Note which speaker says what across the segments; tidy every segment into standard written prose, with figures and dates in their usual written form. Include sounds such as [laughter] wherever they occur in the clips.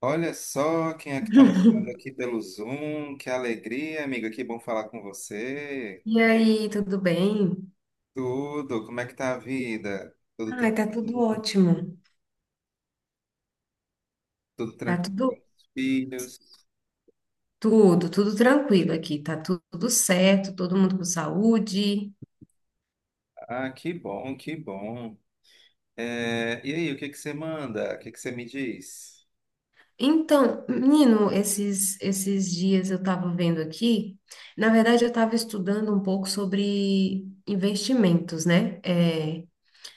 Speaker 1: Olha só quem é que está me ligando aqui pelo Zoom. Que alegria, amiga. Que bom falar com você.
Speaker 2: E aí, tudo bem?
Speaker 1: Tudo, como é que tá a vida? Tudo
Speaker 2: Ai, tá tudo
Speaker 1: tranquilo?
Speaker 2: ótimo.
Speaker 1: Tudo
Speaker 2: Tá
Speaker 1: tranquilo com
Speaker 2: tudo,
Speaker 1: os filhos?
Speaker 2: tudo, tudo tranquilo aqui. Tá tudo certo, todo mundo com saúde.
Speaker 1: Ah, que bom, que bom. É, e aí, o que que você manda? O que que você me diz?
Speaker 2: Então, menino, esses dias eu tava vendo aqui, na verdade eu tava estudando um pouco sobre investimentos, né?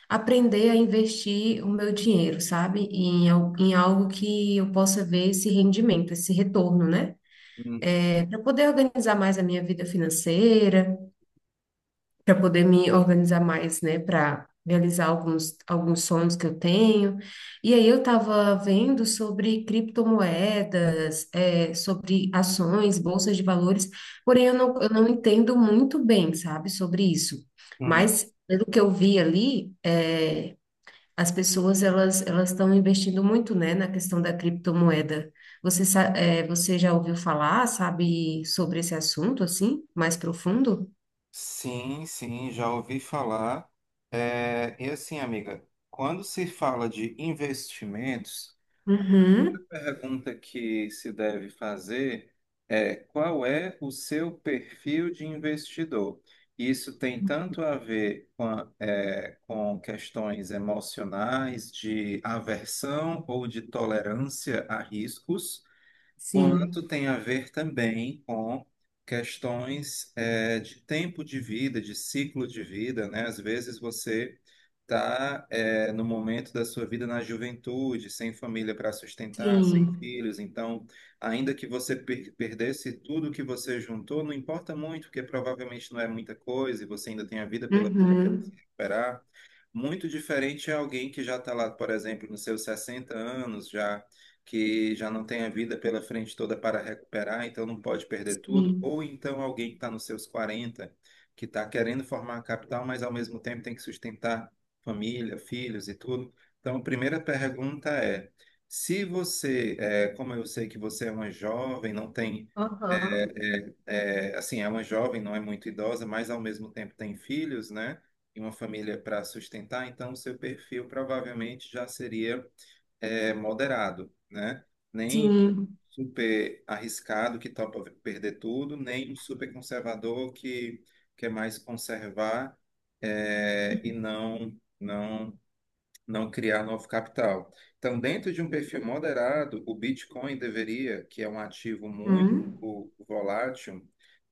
Speaker 2: Aprender a investir o meu dinheiro, sabe? Em algo que eu possa ver esse rendimento, esse retorno, né?
Speaker 1: Hum,
Speaker 2: Para poder organizar mais a minha vida financeira. Para poder me organizar mais, né, para realizar alguns sonhos que eu tenho. E aí eu estava vendo sobre criptomoedas, sobre ações, bolsas de valores, porém eu não entendo muito bem, sabe, sobre isso.
Speaker 1: hum.
Speaker 2: Mas pelo que eu vi ali, as pessoas elas estão investindo muito, né, na questão da criptomoeda. Você já ouviu falar, sabe, sobre esse assunto assim, mais profundo?
Speaker 1: Sim, sim, já ouvi falar. É, e assim, amiga, quando se fala de investimentos,
Speaker 2: Uhum.
Speaker 1: pergunta que se deve fazer é qual é o seu perfil de investidor? Isso tem tanto a ver com, com questões emocionais, de aversão ou de tolerância a riscos, quanto
Speaker 2: Sim,
Speaker 1: tem a ver também com questões de tempo de vida, de ciclo de vida, né? Às vezes você está no momento da sua vida na juventude, sem família para sustentar, sem
Speaker 2: sim,
Speaker 1: filhos, então, ainda que você perdesse tudo que você juntou, não importa muito, porque provavelmente não é muita coisa e você ainda tem a vida pela
Speaker 2: uhum,
Speaker 1: recuperar. Muito diferente é alguém que já está lá, por exemplo, nos seus 60 anos, já que já não tem a vida pela frente toda para recuperar, então não pode perder tudo.
Speaker 2: sim.
Speaker 1: Ou então alguém que está nos seus 40 que está querendo formar a capital, mas ao mesmo tempo tem que sustentar família, filhos e tudo. Então, a primeira pergunta é: se você, como eu sei que você é uma jovem, não tem
Speaker 2: Aham.
Speaker 1: é, assim, é uma jovem, não é muito idosa, mas ao mesmo tempo tem filhos, né? E uma família para sustentar, então o seu perfil provavelmente já seria moderado, né? Nem um
Speaker 2: Sim,
Speaker 1: super arriscado que topa perder tudo, nem um super conservador que quer mais conservar é, e não criar novo capital. Então, dentro de um perfil moderado, o Bitcoin deveria, que é um ativo muito
Speaker 2: uhum,
Speaker 1: volátil,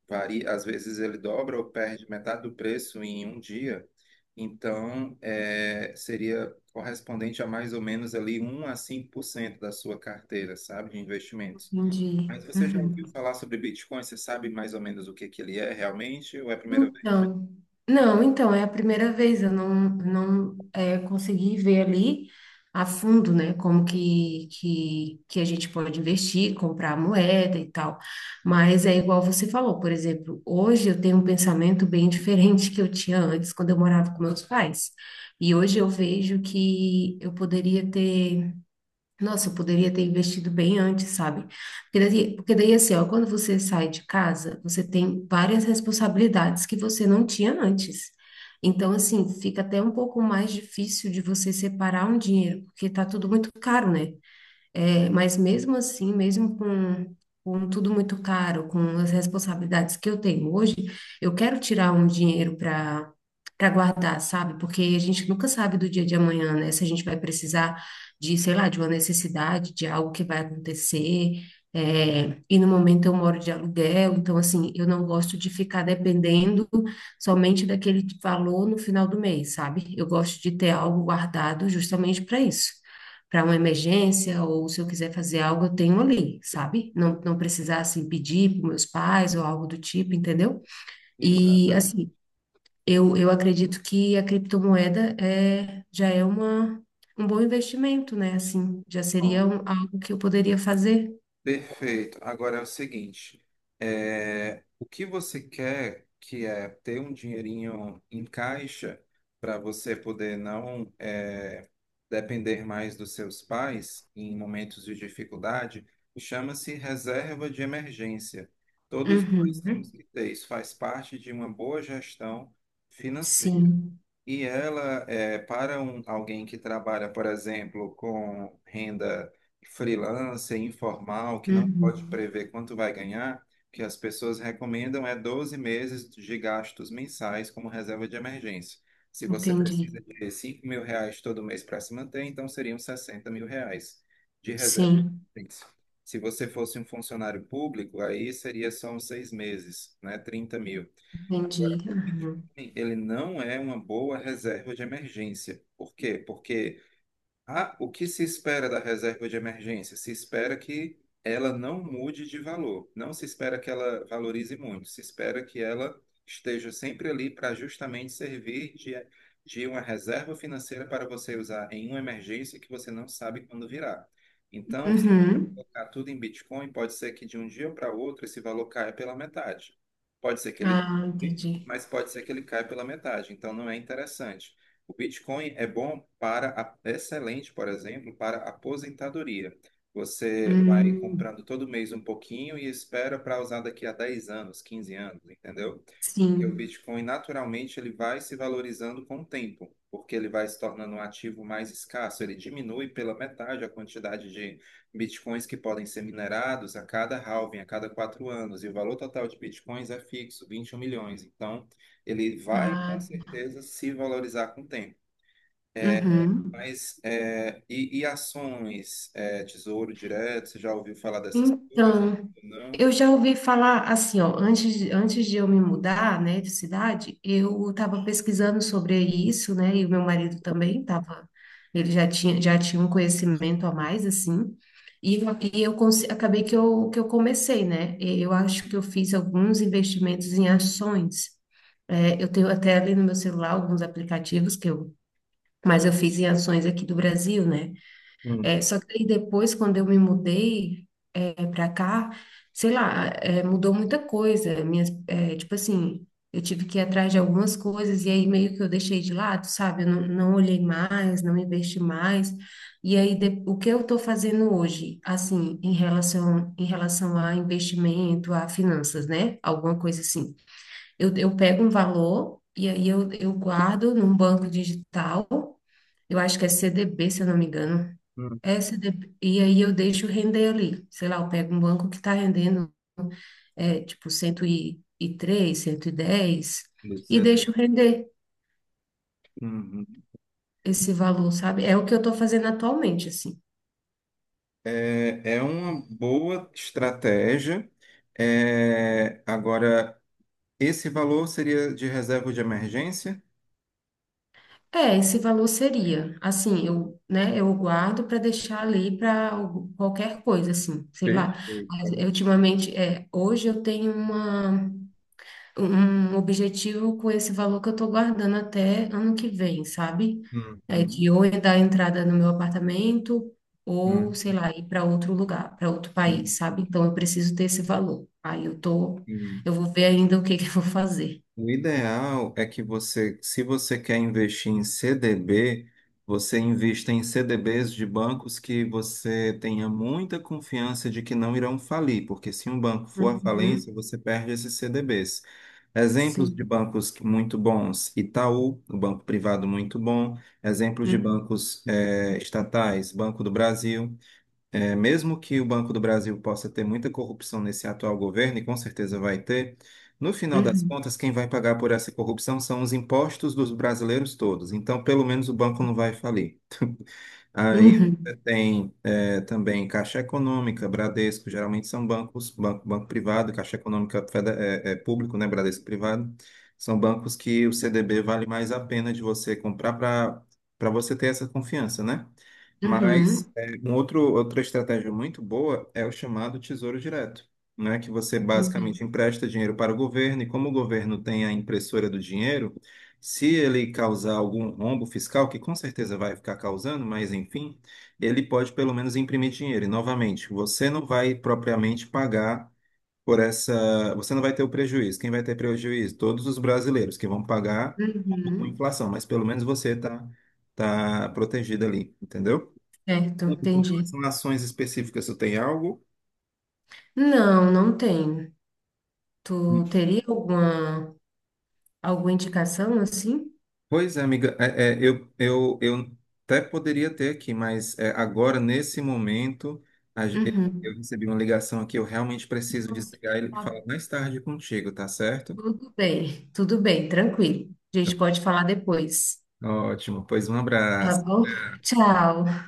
Speaker 1: varia, às vezes ele dobra ou perde metade do preço em um dia. Então, é, seria correspondente a mais ou menos ali 1 a 5% da sua carteira, sabe, de investimentos.
Speaker 2: entendi.
Speaker 1: Mas você já
Speaker 2: Uhum.
Speaker 1: ouviu falar sobre Bitcoin? Você sabe mais ou menos o que que ele é realmente ou é a primeira vez?
Speaker 2: Então, não, então é a primeira vez eu não consegui ver ali a fundo, né, como que a gente pode investir, comprar moeda e tal. Mas é igual você falou, por exemplo, hoje eu tenho um pensamento bem [laughs] diferente que eu tinha antes, quando eu morava com meus pais. E hoje eu vejo que eu poderia ter. Nossa, eu poderia ter investido bem antes, sabe? Porque daí, assim, ó, quando você sai de casa, você tem várias responsabilidades que você não tinha antes. Então, assim, fica até um pouco mais difícil de você separar um dinheiro, porque tá tudo muito caro, né? Mas mesmo assim, mesmo com tudo muito caro, com as responsabilidades que eu tenho hoje, eu quero tirar um dinheiro para guardar, sabe? Porque a gente nunca sabe do dia de amanhã, né? Se a gente vai precisar de, sei lá, de uma necessidade, de algo que vai acontecer. E no momento eu moro de aluguel, então assim, eu não gosto de ficar dependendo somente daquele valor no final do mês, sabe? Eu gosto de ter algo guardado justamente para isso, para uma emergência ou se eu quiser fazer algo, eu tenho ali, sabe? Não, não precisar assim pedir para meus pais ou algo do tipo, entendeu? E
Speaker 1: Exatamente.
Speaker 2: assim, eu acredito que a criptomoeda já é um bom investimento, né? Assim, já seria algo que eu poderia fazer.
Speaker 1: Perfeito. Agora é o seguinte, o que você quer que é ter um dinheirinho em caixa para você poder não é, depender mais dos seus pais em momentos de dificuldade, chama-se reserva de emergência. Todos nós temos
Speaker 2: Uhum.
Speaker 1: que ter isso, faz parte de uma boa gestão financeira.
Speaker 2: Sim.
Speaker 1: E ela, é, para um, alguém que trabalha, por exemplo, com renda freelancer, informal, que não pode
Speaker 2: Uhum.
Speaker 1: prever quanto vai ganhar, o que as pessoas recomendam é 12 meses de gastos mensais como reserva de emergência. Se você
Speaker 2: Entendi.
Speaker 1: precisa de 5 mil reais todo mês para se manter, então seriam 60 mil reais de reserva
Speaker 2: Sim,
Speaker 1: de emergência. Se você fosse um funcionário público, aí seria só uns 6 meses, né? 30 mil. Agora,
Speaker 2: entendi.
Speaker 1: o
Speaker 2: Uhum.
Speaker 1: Bitcoin, ele não é uma boa reserva de emergência. Por quê? Porque ah, o que se espera da reserva de emergência? Se espera que ela não mude de valor, não se espera que ela valorize muito, se espera que ela esteja sempre ali para justamente servir de uma reserva financeira para você usar em uma emergência que você não sabe quando virá. Então, se
Speaker 2: Uhum.
Speaker 1: colocar tudo em Bitcoin, pode ser que de um dia para outro esse valor caia pela metade. Pode ser que ele
Speaker 2: Ah,
Speaker 1: dobre,
Speaker 2: entendi.
Speaker 1: mas pode ser que ele caia pela metade, então não é interessante. O Bitcoin é bom para, é excelente, por exemplo, para a aposentadoria. Você vai
Speaker 2: Hum,
Speaker 1: comprando todo mês um pouquinho e espera para usar daqui a 10 anos, 15 anos, entendeu? Porque o
Speaker 2: sim.
Speaker 1: Bitcoin, naturalmente, ele vai se valorizando com o tempo, porque ele vai se tornando um ativo mais escasso. Ele diminui pela metade a quantidade de Bitcoins que podem ser minerados a cada halving, a cada 4 anos. E o valor total de Bitcoins é fixo, 21 milhões. Então, ele vai, com
Speaker 2: Ah,
Speaker 1: certeza, se valorizar com o tempo.
Speaker 2: uhum.
Speaker 1: Mas, é, e ações, é, Tesouro Direto, você já ouviu falar dessas coisas?
Speaker 2: Então,
Speaker 1: Ou não?
Speaker 2: eu já ouvi falar assim, ó, antes, antes de eu me mudar, né, de cidade, eu estava pesquisando sobre isso, né, e o meu marido também estava, ele já tinha um conhecimento a mais, assim, e, e eu acabei que eu comecei, né, e eu acho que eu fiz alguns investimentos em ações. Eu tenho até ali no meu celular alguns aplicativos mas eu fiz em ações aqui do Brasil, né,
Speaker 1: Uhum,
Speaker 2: só que aí depois, quando eu me mudei para cá, sei lá, mudou muita coisa. Tipo assim, eu tive que ir atrás de algumas coisas e aí meio que eu deixei de lado, sabe? Eu não, não olhei mais, não investi mais. E aí, o que eu estou fazendo hoje, assim, em relação a investimento, a finanças, né? Alguma coisa assim. Eu pego um valor e aí eu guardo num banco digital, eu acho que é CDB, se eu não me engano.
Speaker 1: uhum,
Speaker 2: Essa de- E aí eu deixo render ali. Sei lá, eu pego um banco que está rendendo tipo 103, 110
Speaker 1: do
Speaker 2: e deixo
Speaker 1: CD.
Speaker 2: render
Speaker 1: Uhum.
Speaker 2: esse valor, sabe? É o que eu estou fazendo atualmente, assim.
Speaker 1: É, é uma boa estratégia. É, agora, esse valor seria de reserva de emergência?
Speaker 2: Esse valor seria, assim, eu, né, eu guardo para deixar ali para qualquer coisa, assim, sei lá.
Speaker 1: Perfeito.
Speaker 2: Mas,
Speaker 1: Agora.
Speaker 2: ultimamente, hoje eu tenho uma um objetivo com esse valor que eu estou guardando até ano que vem, sabe? É
Speaker 1: Uhum,
Speaker 2: de ou eu dar entrada no meu apartamento, ou, sei
Speaker 1: uhum,
Speaker 2: lá, ir para outro lugar, para outro país, sabe? Então eu preciso ter esse valor. Aí
Speaker 1: uhum.
Speaker 2: eu vou ver ainda o que que eu vou fazer.
Speaker 1: O ideal é que você, se você quer investir em CDB, você invista em CDBs de bancos que você tenha muita confiança de que não irão falir, porque se um banco for à falência,
Speaker 2: Uhum,
Speaker 1: você perde esses CDBs. Exemplos de
Speaker 2: sim.
Speaker 1: muito bons: Itaú, um banco privado muito bom. Exemplos de
Speaker 2: Uhum,
Speaker 1: bancos estatais: Banco do Brasil. É, mesmo que o Banco do Brasil possa ter muita corrupção nesse atual governo, e com certeza vai ter, no final das
Speaker 2: uhum,
Speaker 1: contas, quem vai pagar por essa corrupção são os impostos dos brasileiros todos. Então, pelo menos o banco não vai falir. Aí
Speaker 2: uhum,
Speaker 1: você tem também Caixa Econômica, Bradesco, geralmente são bancos, banco privado, Caixa Econômica é público, né? Bradesco privado. São bancos que o CDB vale mais a pena de você comprar para para você ter essa confiança, né? Mas
Speaker 2: uhum,
Speaker 1: um outro, outra estratégia muito boa é o chamado Tesouro Direto, né? Que você
Speaker 2: uhum.
Speaker 1: basicamente empresta dinheiro para o governo e como o governo tem a impressora do dinheiro, se ele causar algum rombo fiscal, que com certeza vai ficar causando, mas enfim, ele pode pelo menos imprimir dinheiro. E novamente, você não vai propriamente pagar por essa. Você não vai ter o prejuízo. Quem vai ter prejuízo? Todos os brasileiros que vão pagar com
Speaker 2: Uhum.
Speaker 1: inflação, mas pelo menos você está tá protegido ali, entendeu?
Speaker 2: Certo,
Speaker 1: Com
Speaker 2: entendi.
Speaker 1: relação a ações específicas, tu tem algo?
Speaker 2: Não, não tenho. Tu teria alguma indicação assim?
Speaker 1: Pois é, amiga, eu até poderia ter aqui, mas agora, nesse momento, a ge- eu
Speaker 2: Uhum.
Speaker 1: recebi uma ligação aqui, eu realmente preciso desligar ele e
Speaker 2: Tá.
Speaker 1: falar mais tarde contigo, tá certo?
Speaker 2: Tudo bem, tranquilo. A gente pode falar depois,
Speaker 1: Ótimo, pois um
Speaker 2: tá
Speaker 1: abraço.
Speaker 2: bom? Tchau.